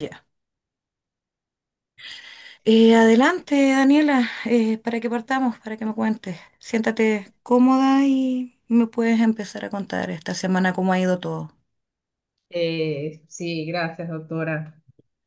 Ya. Adelante, Daniela, para que partamos, para que me cuentes. Siéntate cómoda y me puedes empezar a contar esta semana cómo ha ido todo. Sí, gracias, doctora.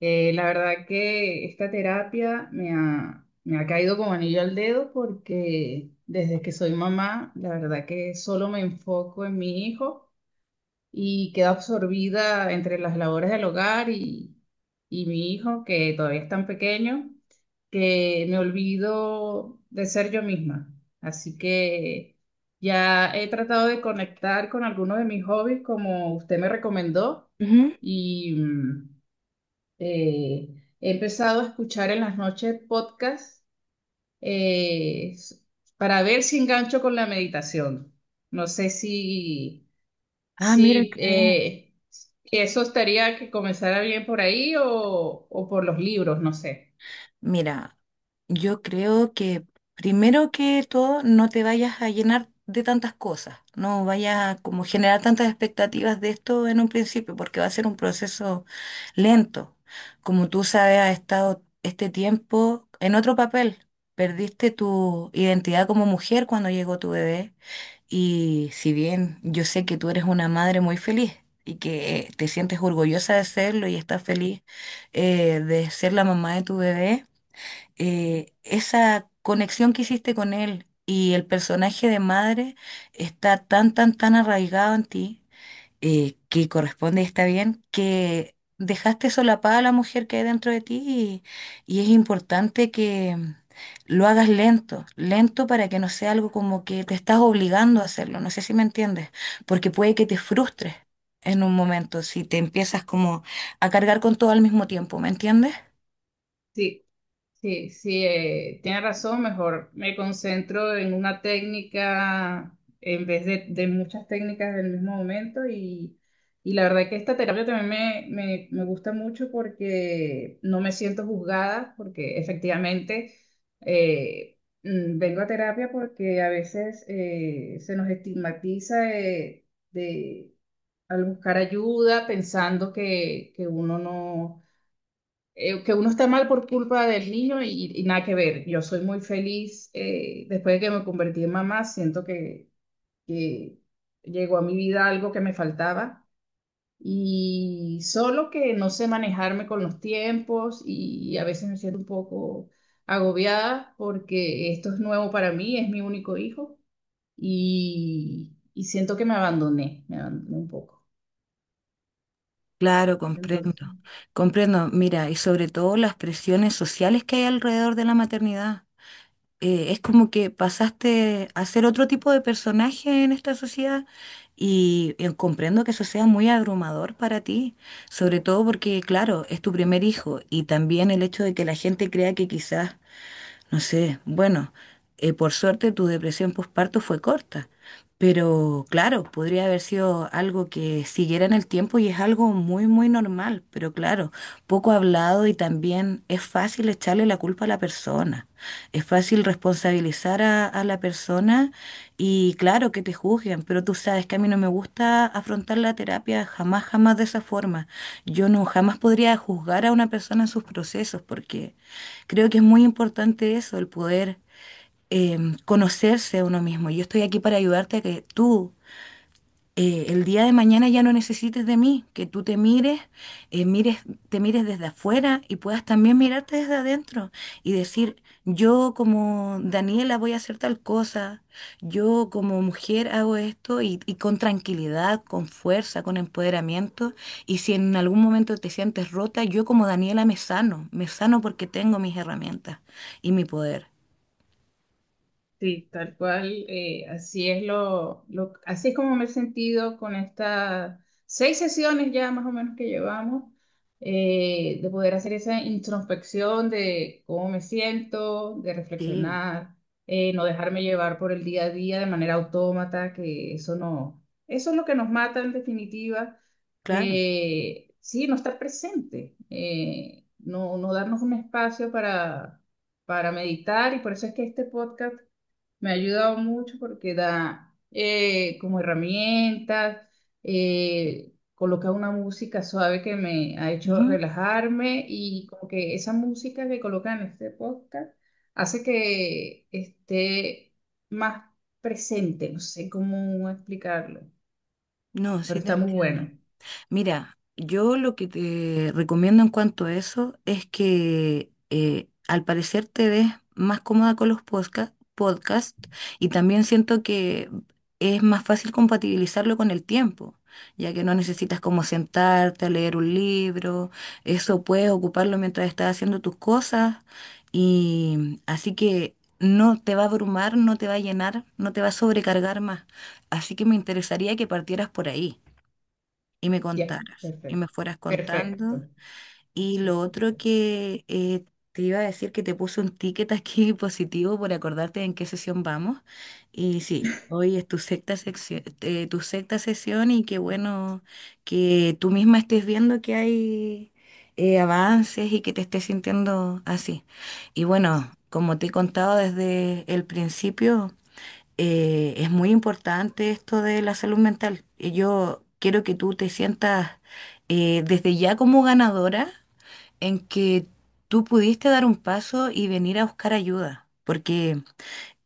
La verdad que esta terapia me ha caído como anillo al dedo porque desde que soy mamá, la verdad que solo me enfoco en mi hijo y quedo absorbida entre las labores del hogar y mi hijo, que todavía es tan pequeño, que me olvido de ser yo misma. Así que ya he tratado de conectar con alguno de mis hobbies, como usted me recomendó, Ujú. y eh, he empezado a escuchar en las noches podcasts eh, s- para ver si engancho con la meditación. No sé si... Ah, mira, Sí, qué bien. Eso estaría que comenzara bien por ahí o por los libros, no sé. Mira, yo creo que primero que todo no te vayas a llenar de tantas cosas, no vayas a como generar tantas expectativas de esto en un principio, porque va a ser un proceso lento. Como tú sabes, has estado este tiempo en otro papel. Perdiste tu identidad como mujer cuando llegó tu bebé y si bien yo sé que tú eres una madre muy feliz y que te sientes orgullosa de serlo y estás feliz, de ser la mamá de tu bebé. Esa conexión que hiciste con él y el personaje de madre está tan, tan, tan arraigado en ti, que corresponde, y está bien, que dejaste solapada a la mujer que hay dentro de ti. Y es importante que lo hagas lento, lento, para que no sea algo como que te estás obligando a hacerlo, no sé si me entiendes, porque puede que te frustres en un momento, si te empiezas como a cargar con todo al mismo tiempo, ¿me entiendes? Sí. Sí, sí, tiene razón, mejor me concentro en una técnica en vez de muchas técnicas del mismo momento y la verdad que esta terapia también me gusta mucho porque no me siento juzgada, porque efectivamente vengo a terapia porque a veces se nos estigmatiza de, al buscar ayuda pensando que uno no que uno está mal por culpa del niño y nada que ver. Yo soy muy feliz después de que me convertí en mamá, siento que llegó a mi vida algo que me faltaba y solo que no sé manejarme con los tiempos y a veces me siento un poco agobiada porque esto es nuevo para mí, es mi único hijo y siento que me abandoné un poco. Claro, Entonces, comprendo, comprendo. Mira, y sobre todo las presiones sociales que hay alrededor de la maternidad. Es como que pasaste a ser otro tipo de personaje en esta sociedad y, comprendo que eso sea muy abrumador para ti, sobre todo porque, claro, es tu primer hijo, y también el hecho de que la gente crea que quizás no sé, bueno, por suerte tu depresión postparto fue corta, pero claro, podría haber sido algo que siguiera en el tiempo, y es algo muy, muy normal, pero claro, poco hablado, y también es fácil echarle la culpa a la persona, es fácil responsabilizar a la persona, y claro que te juzguen, pero tú sabes que a mí no me gusta afrontar la terapia jamás, jamás de esa forma. Yo no jamás podría juzgar a una persona en sus procesos porque... Creo que es muy importante eso, el poder eh, conocerse a uno mismo. Yo estoy aquí para ayudarte a que tú, el día de mañana, ya no necesites de mí, que tú te mires, eh, mires, te mires desde afuera y puedas también mirarte desde adentro y decir, yo como Daniela voy a hacer tal cosa, yo como mujer hago esto, y con tranquilidad, con fuerza, con empoderamiento. Y si en algún momento te sientes rota, yo como Daniela me sano, me sano, porque tengo mis herramientas y mi poder. sí, tal cual, así es así es como me he sentido con estas 6 sesiones ya más o menos que llevamos, de poder hacer esa introspección de cómo me siento, de Sí, reflexionar, no dejarme llevar por el día a día de manera autómata, que eso no, eso es lo que nos mata en definitiva, claro. Sí, no estar presente, no darnos un espacio para meditar y por eso es que este podcast me ha ayudado mucho porque da como herramientas, coloca una música suave que me ha hecho Ujú. relajarme y como que esa música que coloca en este podcast hace que esté más presente, no sé cómo explicarlo, No, pero sí te está muy entiendo. bueno. Mira, yo lo que te recomiendo en cuanto a eso es que, al parecer te ves más cómoda con los podcast, y también siento que es más fácil compatibilizarlo con el tiempo, ya que no necesitas como sentarte a leer un libro, eso puedes ocuparlo mientras estás haciendo tus cosas, y así que no te va a abrumar, no te va a llenar, no te va a sobrecargar más. Así que me interesaría que partieras por ahí y me Ya, contaras, y me perfecto, fueras contando. Y lo otro perfecto. que, te iba a decir, que te puse un ticket aquí positivo por acordarte en qué sesión vamos. Y sí, hoy es tu tu sexta sesión, y qué bueno que tú misma estés viendo que hay avances y que te estés sintiendo así. Y bueno, como te he contado desde el principio, es muy importante esto de la salud mental. Y yo quiero que tú te sientas desde ya como ganadora, en que tú pudiste dar un paso y venir a buscar ayuda, porque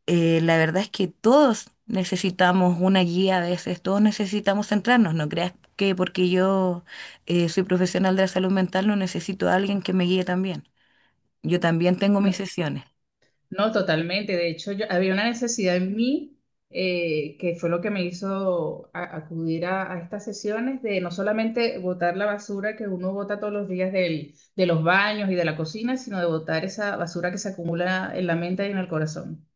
la verdad es que todos necesitamos una guía a veces, todos necesitamos centrarnos, no creas que porque yo soy profesional de la salud mental no necesito a alguien que me guíe también. Yo también tengo mis sesiones, No, totalmente. De hecho, yo, había una necesidad en mí que fue lo que me hizo acudir a estas sesiones de no solamente botar la basura que uno bota todos los días de los baños y de la cocina, sino de botar esa basura que se acumula en la mente y en el corazón.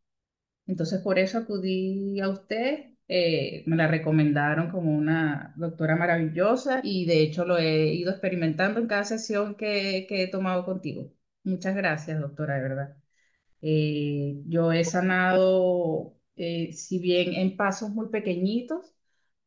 Entonces, por eso acudí a usted. Me la recomendaron como una doctora maravillosa y de hecho lo he ido experimentando en cada sesión que he tomado contigo. Muchas gracias, doctora, de verdad. Yo he sanado, si bien en pasos muy pequeñitos,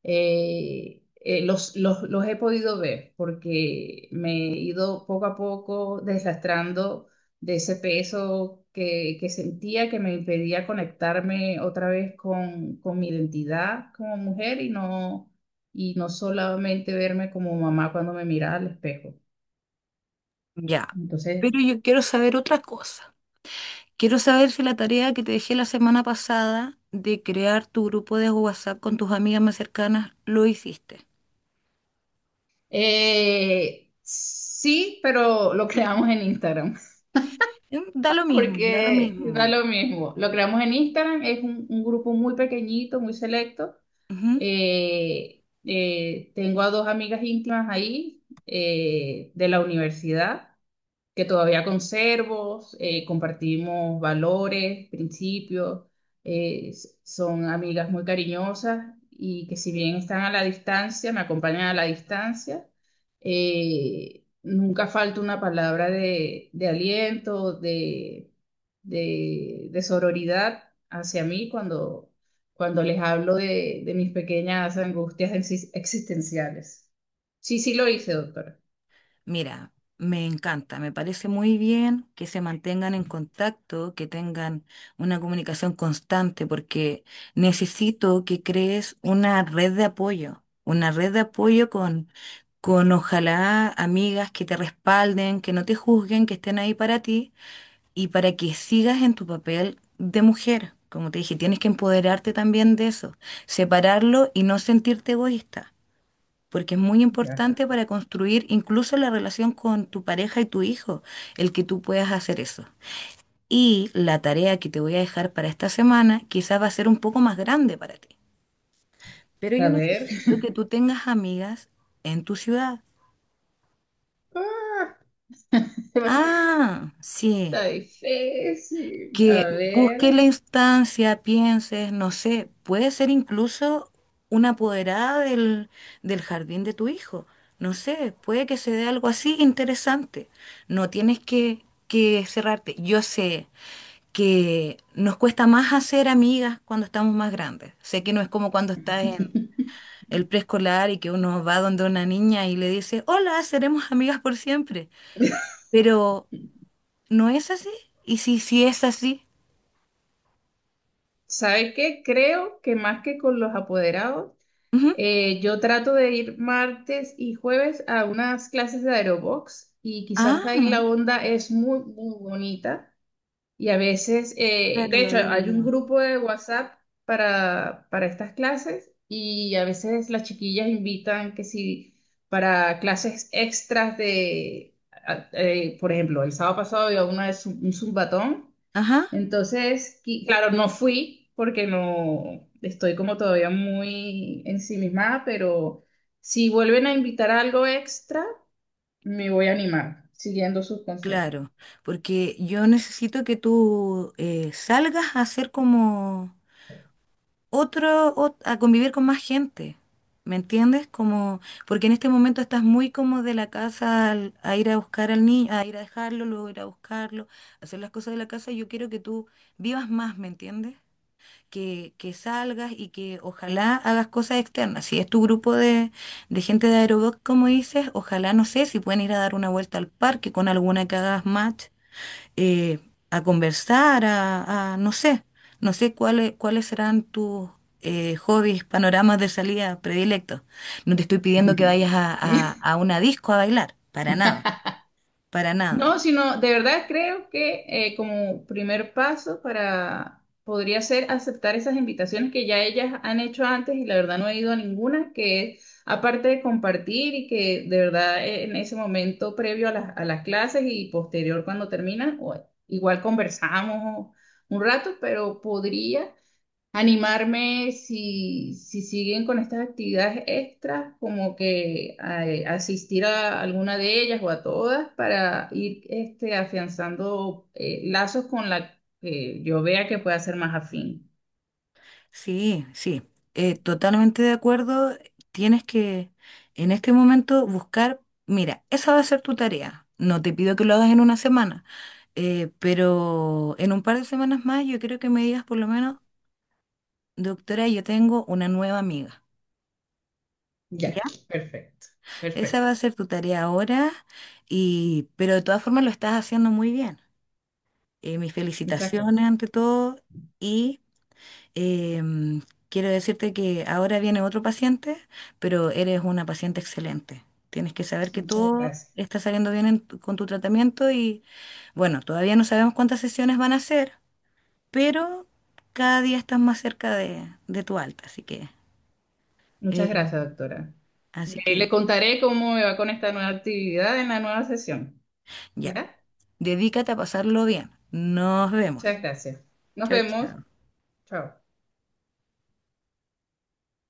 los he podido ver porque me he ido poco a poco deslastrando de ese peso que sentía que me impedía conectarme otra vez con mi identidad como mujer y no solamente verme como mamá cuando me miraba al espejo. ya. Entonces, Pero yo quiero saber otra cosa. Quiero saber si la tarea que te dejé la semana pasada de crear tu grupo de WhatsApp con tus amigas más cercanas lo hiciste. Sí, pero lo creamos en Instagram, Mm. Da lo mismo, da lo porque mismo. da lo mismo. Lo creamos en Instagram, es un grupo muy pequeñito, muy selecto. Ujú. Tengo a 2 amigas íntimas ahí, de la universidad que todavía conservo, compartimos valores, principios, son amigas muy cariñosas y que si bien están a la distancia, me acompañan a la distancia, nunca falta una palabra de aliento, de sororidad hacia mí cuando, cuando les hablo de mis pequeñas angustias existenciales. Sí, sí lo hice, doctora. Mira, me encanta, me parece muy bien que se mantengan en contacto, que tengan una comunicación constante, porque necesito que crees una red de apoyo, una red de apoyo con ojalá amigas que te respalden, que no te juzguen, que estén ahí para ti y para que sigas en tu papel de mujer. Como te dije, tienes que empoderarte también de eso, separarlo y no sentirte egoísta, porque es muy Ya. importante para construir incluso la relación con tu pareja y tu hijo, el que tú puedas hacer eso. Y la tarea que te voy a dejar para esta semana quizás va a ser un poco más grande para ti, pero A yo ver. necesito que tú tengas amigas en tu ciudad. Ah, sí. Está difícil. Que A busque ver. la instancia, pienses, no sé, puede ser incluso una apoderada del, del jardín de tu hijo. No sé, puede que se dé algo así interesante. No tienes que cerrarte. Yo sé que nos cuesta más hacer amigas cuando estamos más grandes. Sé que no es como cuando estás en el preescolar y que uno va donde una niña y le dice, hola, seremos amigas por siempre. Pero no es así. Y si, si es así, ¿Sabes qué? Creo que más que con los apoderados, ujú. Yo trato de ir martes y jueves a unas clases de aerobox y quizás ahí Ah. la onda es muy, muy bonita. Y a veces, Claro, de lo hecho, había hay un olvidado. grupo de WhatsApp para estas clases y a veces las chiquillas invitan que si para clases extras por ejemplo, el sábado pasado había una de un zumbatón, Ajá, entonces, claro, no fui porque no estoy como todavía muy ensimismada, pero si vuelven a invitar a algo extra, me voy a animar, siguiendo sus consejos. claro, porque yo necesito que tú, salgas a hacer como a convivir con más gente, ¿me entiendes? Como, porque en este momento estás muy como de la casa a ir a buscar al niño, a ir a dejarlo, luego ir a buscarlo, hacer las cosas de la casa, y yo quiero que tú vivas más, ¿me entiendes? Que salgas y que ojalá hagas cosas externas. Si es tu grupo de gente de aerobic, como dices, ojalá, no sé, si pueden ir a dar una vuelta al parque con alguna que hagas match, eh, a conversar, no sé, no sé cuáles, cuáles serán tus hobbies, panoramas de salida predilectos. No te estoy pidiendo que vayas a, a una disco a bailar, para nada, para nada. No, sino de verdad creo que como primer paso para podría ser aceptar esas invitaciones que ya ellas han hecho antes y la verdad no he ido a ninguna, que es aparte de compartir y que de verdad, en ese momento previo a a las clases y posterior cuando termina, o- igual conversamos un rato, pero podría. Animarme si, si siguen con estas actividades extras, como que asistir a alguna de ellas o a todas para ir este, afianzando, lazos con la que yo vea que pueda ser más afín. Sí, sí, totalmente de acuerdo. Tienes que en este momento buscar, mira, esa va a ser tu tarea. No te pido que lo hagas en una semana, pero en un par de semanas más yo creo que me digas por lo menos, doctora, yo tengo una nueva amiga. ¿Ya? Ya, perfecto, Esa va a perfecto. ser tu tarea ahora, y, pero de todas formas lo estás haciendo muy bien. Mis Muchas felicitaciones gracias. ante todo, y Em, quiero decirte que ahora viene otro paciente, pero eres una paciente excelente. Tienes que saber que Muchas todo gracias. está saliendo bien en con tu tratamiento, y bueno, todavía no sabemos cuántas sesiones van a ser, pero cada día estás más cerca de tu alta, así que, Muchas eh, gracias, doctora. así Le que contaré cómo me va con esta nueva actividad en la nueva sesión. ya, ¿Ya? dedícate a pasarlo bien. Nos vemos. Muchas gracias. Nos Chao, vemos. chao. Chao.